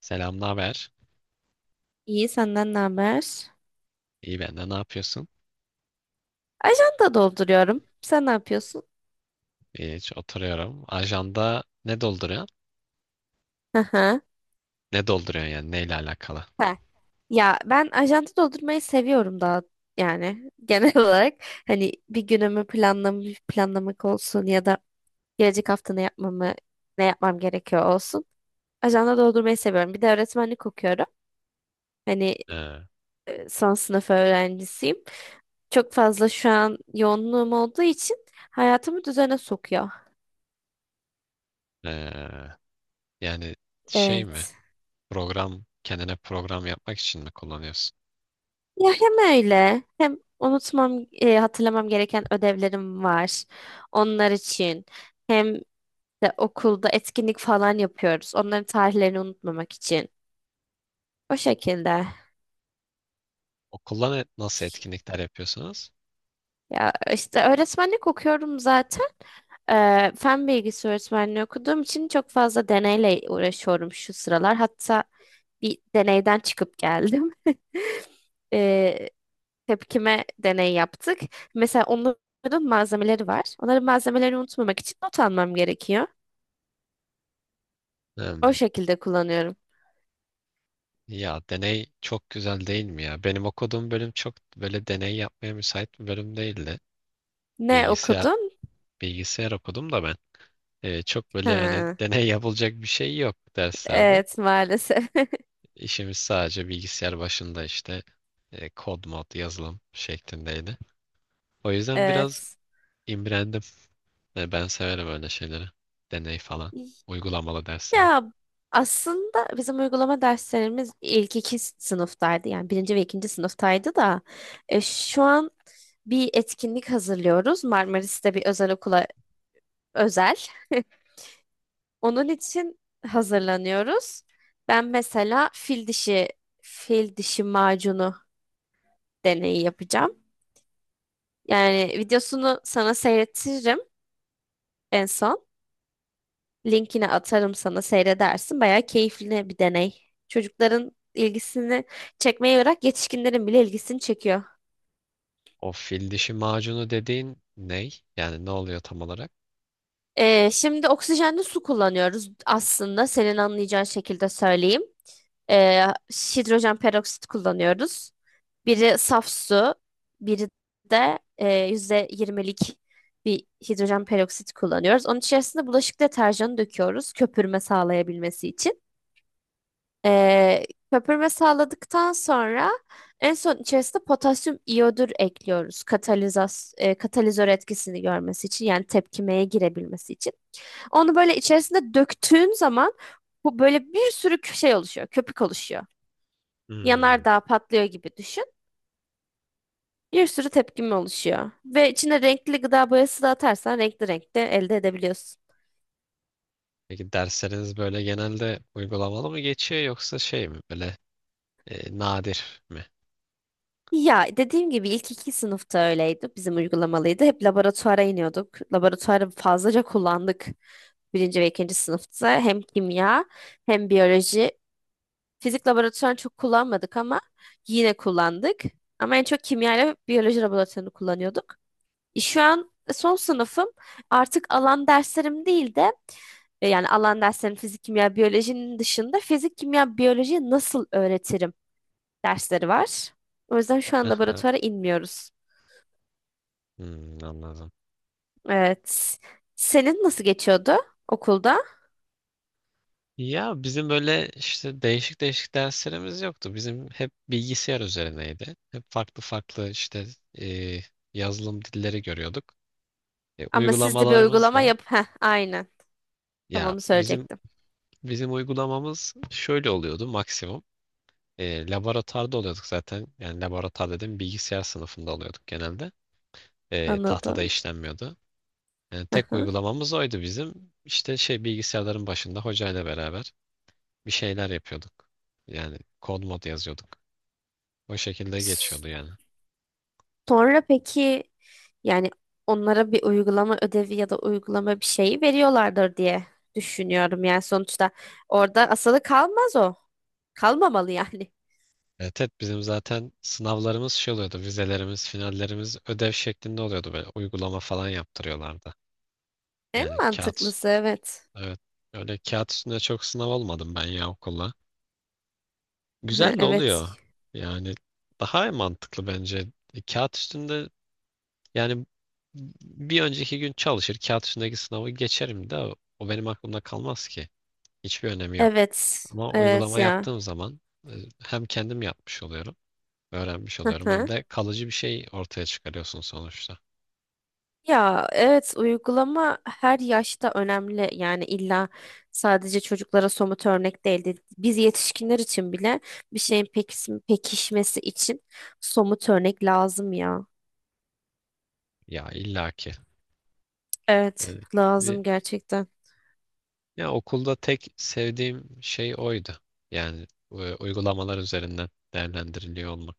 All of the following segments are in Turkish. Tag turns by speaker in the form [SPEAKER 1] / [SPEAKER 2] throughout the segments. [SPEAKER 1] Selam, ne haber?
[SPEAKER 2] İyi senden ne haber?
[SPEAKER 1] İyi ben de ne yapıyorsun?
[SPEAKER 2] Ajanda dolduruyorum. Sen ne yapıyorsun?
[SPEAKER 1] Hiç oturuyorum. Ajanda ne dolduruyor?
[SPEAKER 2] Hı hı.
[SPEAKER 1] Ne dolduruyor yani neyle alakalı?
[SPEAKER 2] Ha. Ya ben ajanda doldurmayı seviyorum daha yani genel olarak hani bir günümü planlamak olsun ya da gelecek hafta ne yapmam gerekiyor olsun. Ajanda doldurmayı seviyorum. Bir de öğretmenlik okuyorum. Hani
[SPEAKER 1] Ee,
[SPEAKER 2] son sınıf öğrencisiyim. Çok fazla şu an yoğunluğum olduğu için hayatımı düzene sokuyor.
[SPEAKER 1] ee, yani şey mi?
[SPEAKER 2] Evet.
[SPEAKER 1] Program kendine program yapmak için mi kullanıyorsun?
[SPEAKER 2] Ya hem öyle hem hatırlamam gereken ödevlerim var. Onlar için hem de okulda etkinlik falan yapıyoruz. Onların tarihlerini unutmamak için. O şekilde.
[SPEAKER 1] Okulla nasıl etkinlikler yapıyorsunuz?
[SPEAKER 2] Ya işte öğretmenlik okuyorum zaten. Fen bilgisi öğretmenliği okuduğum için çok fazla deneyle uğraşıyorum şu sıralar. Hatta bir deneyden çıkıp geldim. Ee, Tepkime deney yaptık. Mesela onların malzemeleri var. Onların malzemelerini unutmamak için not almam gerekiyor. O
[SPEAKER 1] Hmm.
[SPEAKER 2] şekilde kullanıyorum.
[SPEAKER 1] Ya deney çok güzel değil mi ya? Benim okuduğum bölüm çok böyle deney yapmaya müsait bir bölüm değildi.
[SPEAKER 2] Ne
[SPEAKER 1] Bilgisayar
[SPEAKER 2] okudun?
[SPEAKER 1] bilgisayar okudum da ben. Çok böyle yani
[SPEAKER 2] Ha,
[SPEAKER 1] deney yapılacak bir şey yok derslerde.
[SPEAKER 2] evet maalesef.
[SPEAKER 1] İşimiz sadece bilgisayar başında işte kod mod yazılım şeklindeydi. O yüzden biraz
[SPEAKER 2] Evet.
[SPEAKER 1] imrendim. E, ben severim öyle şeyleri. Deney falan. Uygulamalı dersleri.
[SPEAKER 2] Ya aslında bizim uygulama derslerimiz ilk iki sınıftaydı. Yani birinci ve ikinci sınıftaydı da şu an bir etkinlik hazırlıyoruz. Marmaris'te bir özel okula özel. Onun için hazırlanıyoruz. Ben mesela fil dişi fil dişi macunu deneyi yapacağım. Yani videosunu sana seyrettiririm en son. Linkini atarım sana seyredersin. Bayağı keyifli bir deney. Çocukların ilgisini çekmeyi bırak yetişkinlerin bile ilgisini çekiyor.
[SPEAKER 1] O fil dişi macunu dediğin ney? Yani ne oluyor tam olarak?
[SPEAKER 2] Şimdi oksijenli su kullanıyoruz aslında senin anlayacağın şekilde söyleyeyim. Ee, Hidrojen peroksit kullanıyoruz. Biri saf su, biri de %20'lik bir hidrojen peroksit kullanıyoruz. Onun içerisinde bulaşık deterjanı döküyoruz köpürme sağlayabilmesi için. Ee, Köpürme sağladıktan sonra en son içerisinde potasyum iyodür ekliyoruz katalizör etkisini görmesi için yani tepkimeye girebilmesi için. Onu böyle içerisinde döktüğün zaman bu böyle bir sürü şey oluşuyor. Köpük oluşuyor.
[SPEAKER 1] Hmm.
[SPEAKER 2] Yanardağ patlıyor gibi düşün. Bir sürü tepkime oluşuyor. Ve içine renkli gıda boyası da atarsan renkli renkte elde edebiliyorsun.
[SPEAKER 1] Peki dersleriniz böyle genelde uygulamalı mı geçiyor yoksa şey mi böyle nadir mi?
[SPEAKER 2] Ya dediğim gibi ilk iki sınıfta öyleydi. Bizim uygulamalıydı. Hep laboratuvara iniyorduk. Laboratuvarı fazlaca kullandık. Birinci ve ikinci sınıfta hem kimya hem biyoloji. Fizik laboratuvarını çok kullanmadık ama yine kullandık. Ama en çok kimya ile biyoloji laboratuvarını kullanıyorduk. Şu an son sınıfım. Artık alan derslerim değil de yani alan derslerim fizik, kimya, biyolojinin dışında fizik, kimya, biyolojiyi nasıl öğretirim dersleri var. O yüzden şu an laboratuvara inmiyoruz.
[SPEAKER 1] Hmm, anladım.
[SPEAKER 2] Evet. Senin nasıl geçiyordu okulda?
[SPEAKER 1] Ya bizim böyle işte değişik değişik derslerimiz yoktu. Bizim hep bilgisayar üzerineydi. Hep farklı farklı işte e, yazılım dilleri görüyorduk. E,
[SPEAKER 2] Ama siz de bir
[SPEAKER 1] uygulamalarımız
[SPEAKER 2] uygulama
[SPEAKER 1] da
[SPEAKER 2] yap. Heh, aynen. Tam
[SPEAKER 1] ya
[SPEAKER 2] onu
[SPEAKER 1] bizim
[SPEAKER 2] söyleyecektim.
[SPEAKER 1] bizim uygulamamız şöyle oluyordu maksimum. E, laboratuvarda oluyorduk zaten. Yani laboratuvar dedim bilgisayar sınıfında oluyorduk genelde. E,
[SPEAKER 2] Anladım.
[SPEAKER 1] tahtada işlenmiyordu. Yani tek
[SPEAKER 2] Aha.
[SPEAKER 1] uygulamamız oydu bizim. İşte şey bilgisayarların başında hocayla beraber bir şeyler yapıyorduk. Yani kod mod yazıyorduk. O şekilde geçiyordu yani.
[SPEAKER 2] Sonra peki yani onlara bir uygulama ödevi ya da uygulama bir şeyi veriyorlardır diye düşünüyorum. Yani sonuçta orada asılı kalmaz o. Kalmamalı yani.
[SPEAKER 1] Evet, evet bizim zaten sınavlarımız şey oluyordu. Vizelerimiz, finallerimiz ödev şeklinde oluyordu. Böyle uygulama falan yaptırıyorlardı.
[SPEAKER 2] En
[SPEAKER 1] Yani kağıt,
[SPEAKER 2] mantıklısı evet.
[SPEAKER 1] evet. Öyle kağıt üstünde çok sınav olmadım ben ya okulla.
[SPEAKER 2] Ha,
[SPEAKER 1] Güzel de oluyor.
[SPEAKER 2] evet.
[SPEAKER 1] Yani daha mantıklı bence. E, kağıt üstünde yani bir önceki gün çalışır kağıt üstündeki sınavı geçerim de o benim aklımda kalmaz ki. Hiçbir önemi yok.
[SPEAKER 2] Evet.
[SPEAKER 1] Ama
[SPEAKER 2] Evet
[SPEAKER 1] uygulama
[SPEAKER 2] ya.
[SPEAKER 1] yaptığım zaman e, hem kendim yapmış oluyorum, öğrenmiş
[SPEAKER 2] Hı
[SPEAKER 1] oluyorum hem
[SPEAKER 2] hı.
[SPEAKER 1] de kalıcı bir şey ortaya çıkarıyorsun sonuçta.
[SPEAKER 2] Ya evet uygulama her yaşta önemli. Yani illa sadece çocuklara somut örnek değildi. Biz yetişkinler için bile bir şeyin pekişmesi için somut örnek lazım ya.
[SPEAKER 1] Ya illaki.
[SPEAKER 2] Evet,
[SPEAKER 1] Yani bir,
[SPEAKER 2] lazım gerçekten.
[SPEAKER 1] ya okulda tek sevdiğim şey oydu. Yani uygulamalar üzerinden değerlendiriliyor olmak.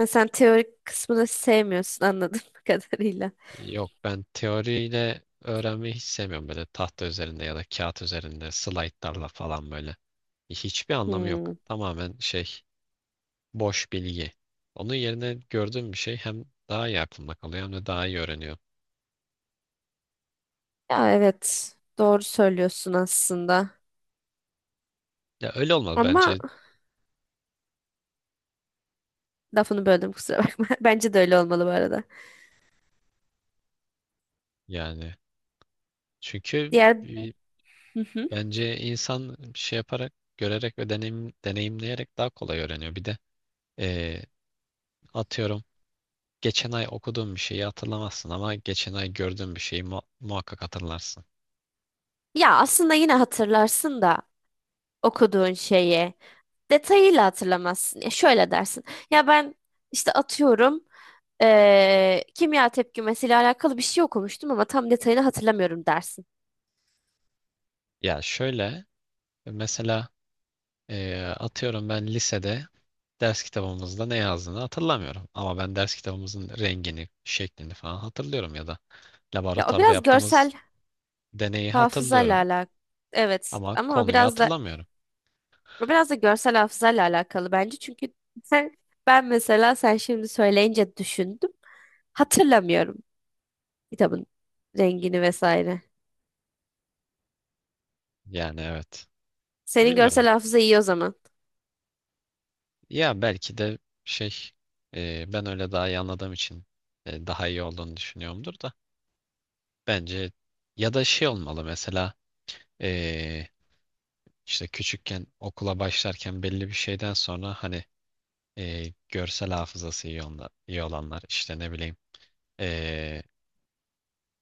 [SPEAKER 2] Ve sen teorik kısmını sevmiyorsun anladığım kadarıyla.
[SPEAKER 1] Yok ben teoriyle öğrenmeyi hiç sevmiyorum böyle tahta üzerinde ya da kağıt üzerinde slaytlarla falan böyle. Hiçbir anlamı yok.
[SPEAKER 2] Hmm.
[SPEAKER 1] Tamamen şey boş bilgi. Onun yerine gördüğüm bir şey hem daha iyi aklımda kalıyor hem de daha iyi öğreniyorum.
[SPEAKER 2] Ya evet, doğru söylüyorsun aslında.
[SPEAKER 1] Ya öyle olmalı
[SPEAKER 2] Ama
[SPEAKER 1] bence
[SPEAKER 2] lafını böldüm, kusura bakma. Bence de öyle olmalı bu arada.
[SPEAKER 1] yani. Çünkü
[SPEAKER 2] Diğer hı hı.
[SPEAKER 1] bence insan şey yaparak, görerek ve deneyimleyerek daha kolay öğreniyor. Bir de e, atıyorum geçen ay okuduğum bir şeyi hatırlamazsın ama geçen ay gördüğün bir şeyi muhakkak hatırlarsın.
[SPEAKER 2] Ya aslında yine hatırlarsın da okuduğun şeyi detayıyla hatırlamazsın. Ya şöyle dersin. Ya ben işte atıyorum kimya tepkimesiyle alakalı bir şey okumuştum ama tam detayını hatırlamıyorum dersin.
[SPEAKER 1] Ya şöyle mesela atıyorum ben lisede ders kitabımızda ne yazdığını hatırlamıyorum. Ama ben ders kitabımızın rengini, şeklini falan hatırlıyorum ya da
[SPEAKER 2] Ya o
[SPEAKER 1] laboratuvarda
[SPEAKER 2] biraz
[SPEAKER 1] yaptığımız
[SPEAKER 2] görsel
[SPEAKER 1] deneyi
[SPEAKER 2] hafızayla
[SPEAKER 1] hatırlıyorum.
[SPEAKER 2] alakalı. Evet
[SPEAKER 1] Ama
[SPEAKER 2] ama o
[SPEAKER 1] konuyu
[SPEAKER 2] biraz da
[SPEAKER 1] hatırlamıyorum.
[SPEAKER 2] o biraz da görsel hafızayla alakalı bence. Çünkü sen ben mesela sen şimdi söyleyince düşündüm. Hatırlamıyorum kitabın rengini vesaire.
[SPEAKER 1] Yani evet.
[SPEAKER 2] Senin görsel
[SPEAKER 1] Bilmiyorum.
[SPEAKER 2] hafıza iyi o zaman.
[SPEAKER 1] Ya belki de şey ben öyle daha iyi anladığım için daha iyi olduğunu düşünüyorumdur da. Bence ya da şey olmalı mesela e, işte küçükken okula başlarken belli bir şeyden sonra hani görsel hafızası iyi, onlar, iyi olanlar işte ne bileyim, eee,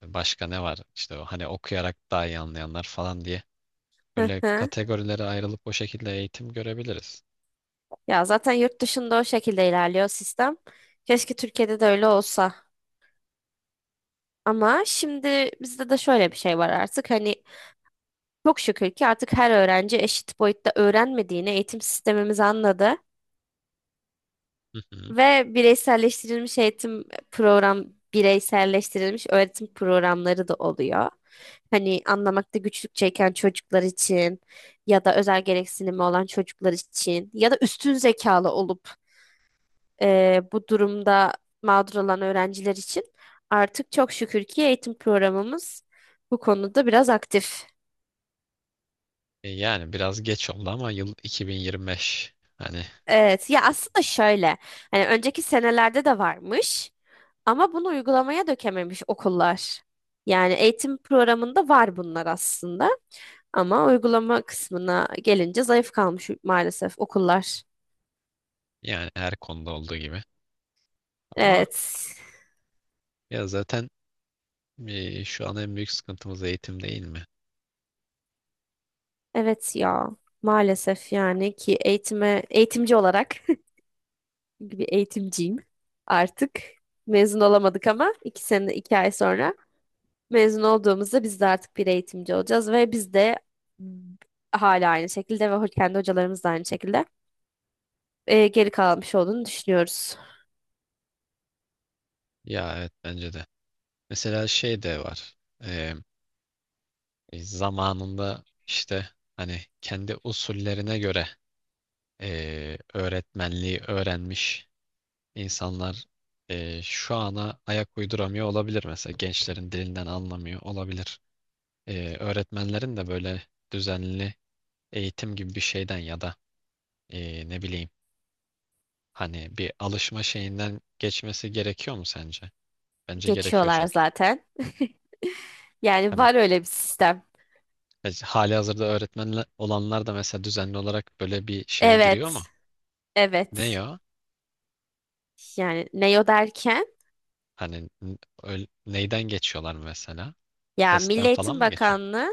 [SPEAKER 1] başka ne var? İşte o hani okuyarak daha iyi anlayanlar falan diye.
[SPEAKER 2] Hı
[SPEAKER 1] Böyle
[SPEAKER 2] hı.
[SPEAKER 1] kategorilere ayrılıp o şekilde eğitim görebiliriz.
[SPEAKER 2] Ya zaten yurt dışında o şekilde ilerliyor sistem. Keşke Türkiye'de de öyle olsa. Ama şimdi bizde de şöyle bir şey var artık. Hani çok şükür ki artık her öğrenci eşit boyutta öğrenmediğini eğitim sistemimiz anladı.
[SPEAKER 1] Hı hı.
[SPEAKER 2] Ve bireyselleştirilmiş program, bireyselleştirilmiş öğretim programları da oluyor. Hani anlamakta güçlük çeken çocuklar için ya da özel gereksinimi olan çocuklar için ya da üstün zekalı olup bu durumda mağdur olan öğrenciler için artık çok şükür ki eğitim programımız bu konuda biraz aktif.
[SPEAKER 1] E yani biraz geç oldu ama yıl 2025. Hani
[SPEAKER 2] Evet, ya aslında şöyle, hani önceki senelerde de varmış. Ama bunu uygulamaya dökememiş okullar. Yani eğitim programında var bunlar aslında. Ama uygulama kısmına gelince zayıf kalmış maalesef okullar.
[SPEAKER 1] yani her konuda olduğu gibi. Ama
[SPEAKER 2] Evet.
[SPEAKER 1] ya zaten şu an en büyük sıkıntımız eğitim değil mi?
[SPEAKER 2] Evet ya. Maalesef yani ki eğitime eğitimci olarak çünkü bir eğitimciyim artık. Mezun olamadık ama iki sene iki ay sonra mezun olduğumuzda biz de artık bir eğitimci olacağız ve biz de hala aynı şekilde ve kendi hocalarımız da aynı şekilde geri kalmış olduğunu düşünüyoruz.
[SPEAKER 1] Ya evet bence de. Mesela şey de var. E, zamanında işte hani kendi usullerine göre öğretmenliği öğrenmiş İnsanlar şu ana ayak uyduramıyor olabilir mesela gençlerin dilinden anlamıyor olabilir. Öğretmenlerin de böyle düzenli eğitim gibi bir şeyden ya da ne bileyim hani bir alışma şeyinden geçmesi gerekiyor mu sence? Bence gerekiyor
[SPEAKER 2] Geçiyorlar
[SPEAKER 1] çünkü.
[SPEAKER 2] zaten. Yani
[SPEAKER 1] Hani
[SPEAKER 2] var öyle bir sistem.
[SPEAKER 1] hali hazırda öğretmen olanlar da mesela düzenli olarak böyle bir şeye giriyor mu?
[SPEAKER 2] Evet,
[SPEAKER 1] Ne
[SPEAKER 2] evet.
[SPEAKER 1] ya?
[SPEAKER 2] Yani ne o derken?
[SPEAKER 1] Hani neyden geçiyorlar mesela?
[SPEAKER 2] Ya Milli
[SPEAKER 1] Testten falan
[SPEAKER 2] Eğitim
[SPEAKER 1] mı geçiyorlar?
[SPEAKER 2] Bakanlığı.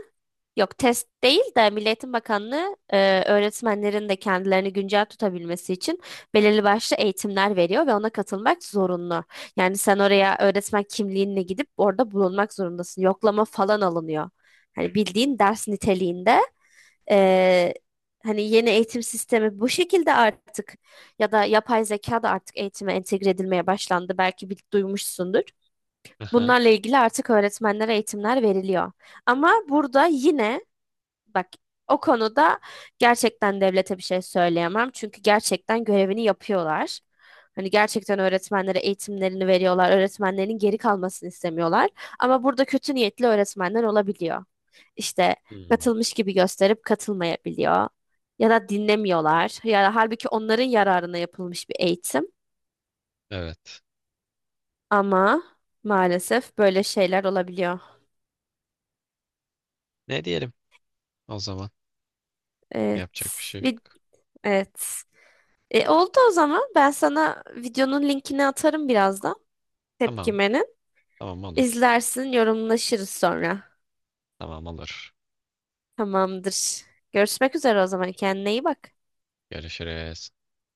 [SPEAKER 2] Yok, test değil de Milli Eğitim Bakanlığı öğretmenlerin de kendilerini güncel tutabilmesi için belirli başlı eğitimler veriyor ve ona katılmak zorunlu. Yani sen oraya öğretmen kimliğinle gidip orada bulunmak zorundasın. Yoklama falan alınıyor. Hani bildiğin ders niteliğinde e, hani yeni eğitim sistemi bu şekilde artık ya da yapay zeka da artık eğitime entegre edilmeye başlandı. Belki bir duymuşsundur.
[SPEAKER 1] Hı.
[SPEAKER 2] Bunlarla ilgili artık öğretmenlere eğitimler veriliyor. Ama burada yine, bak, o konuda gerçekten devlete bir şey söyleyemem. Çünkü gerçekten görevini yapıyorlar. Hani gerçekten öğretmenlere eğitimlerini veriyorlar. Öğretmenlerin geri kalmasını istemiyorlar. Ama burada kötü niyetli öğretmenler olabiliyor. İşte
[SPEAKER 1] Hmm.
[SPEAKER 2] katılmış gibi gösterip katılmayabiliyor. Ya da dinlemiyorlar. Ya halbuki onların yararına yapılmış bir eğitim.
[SPEAKER 1] Evet.
[SPEAKER 2] Ama maalesef böyle şeyler olabiliyor.
[SPEAKER 1] Ne diyelim o zaman?
[SPEAKER 2] Evet.
[SPEAKER 1] Yapacak bir şey
[SPEAKER 2] Bir,
[SPEAKER 1] yok.
[SPEAKER 2] evet. Oldu o zaman. Ben sana videonun linkini atarım birazdan.
[SPEAKER 1] Tamam.
[SPEAKER 2] Tepkimenin.
[SPEAKER 1] Tamam olur.
[SPEAKER 2] İzlersin, yorumlaşırız sonra.
[SPEAKER 1] Tamam olur.
[SPEAKER 2] Tamamdır. Görüşmek üzere o zaman. Kendine iyi bak.
[SPEAKER 1] Görüşürüz.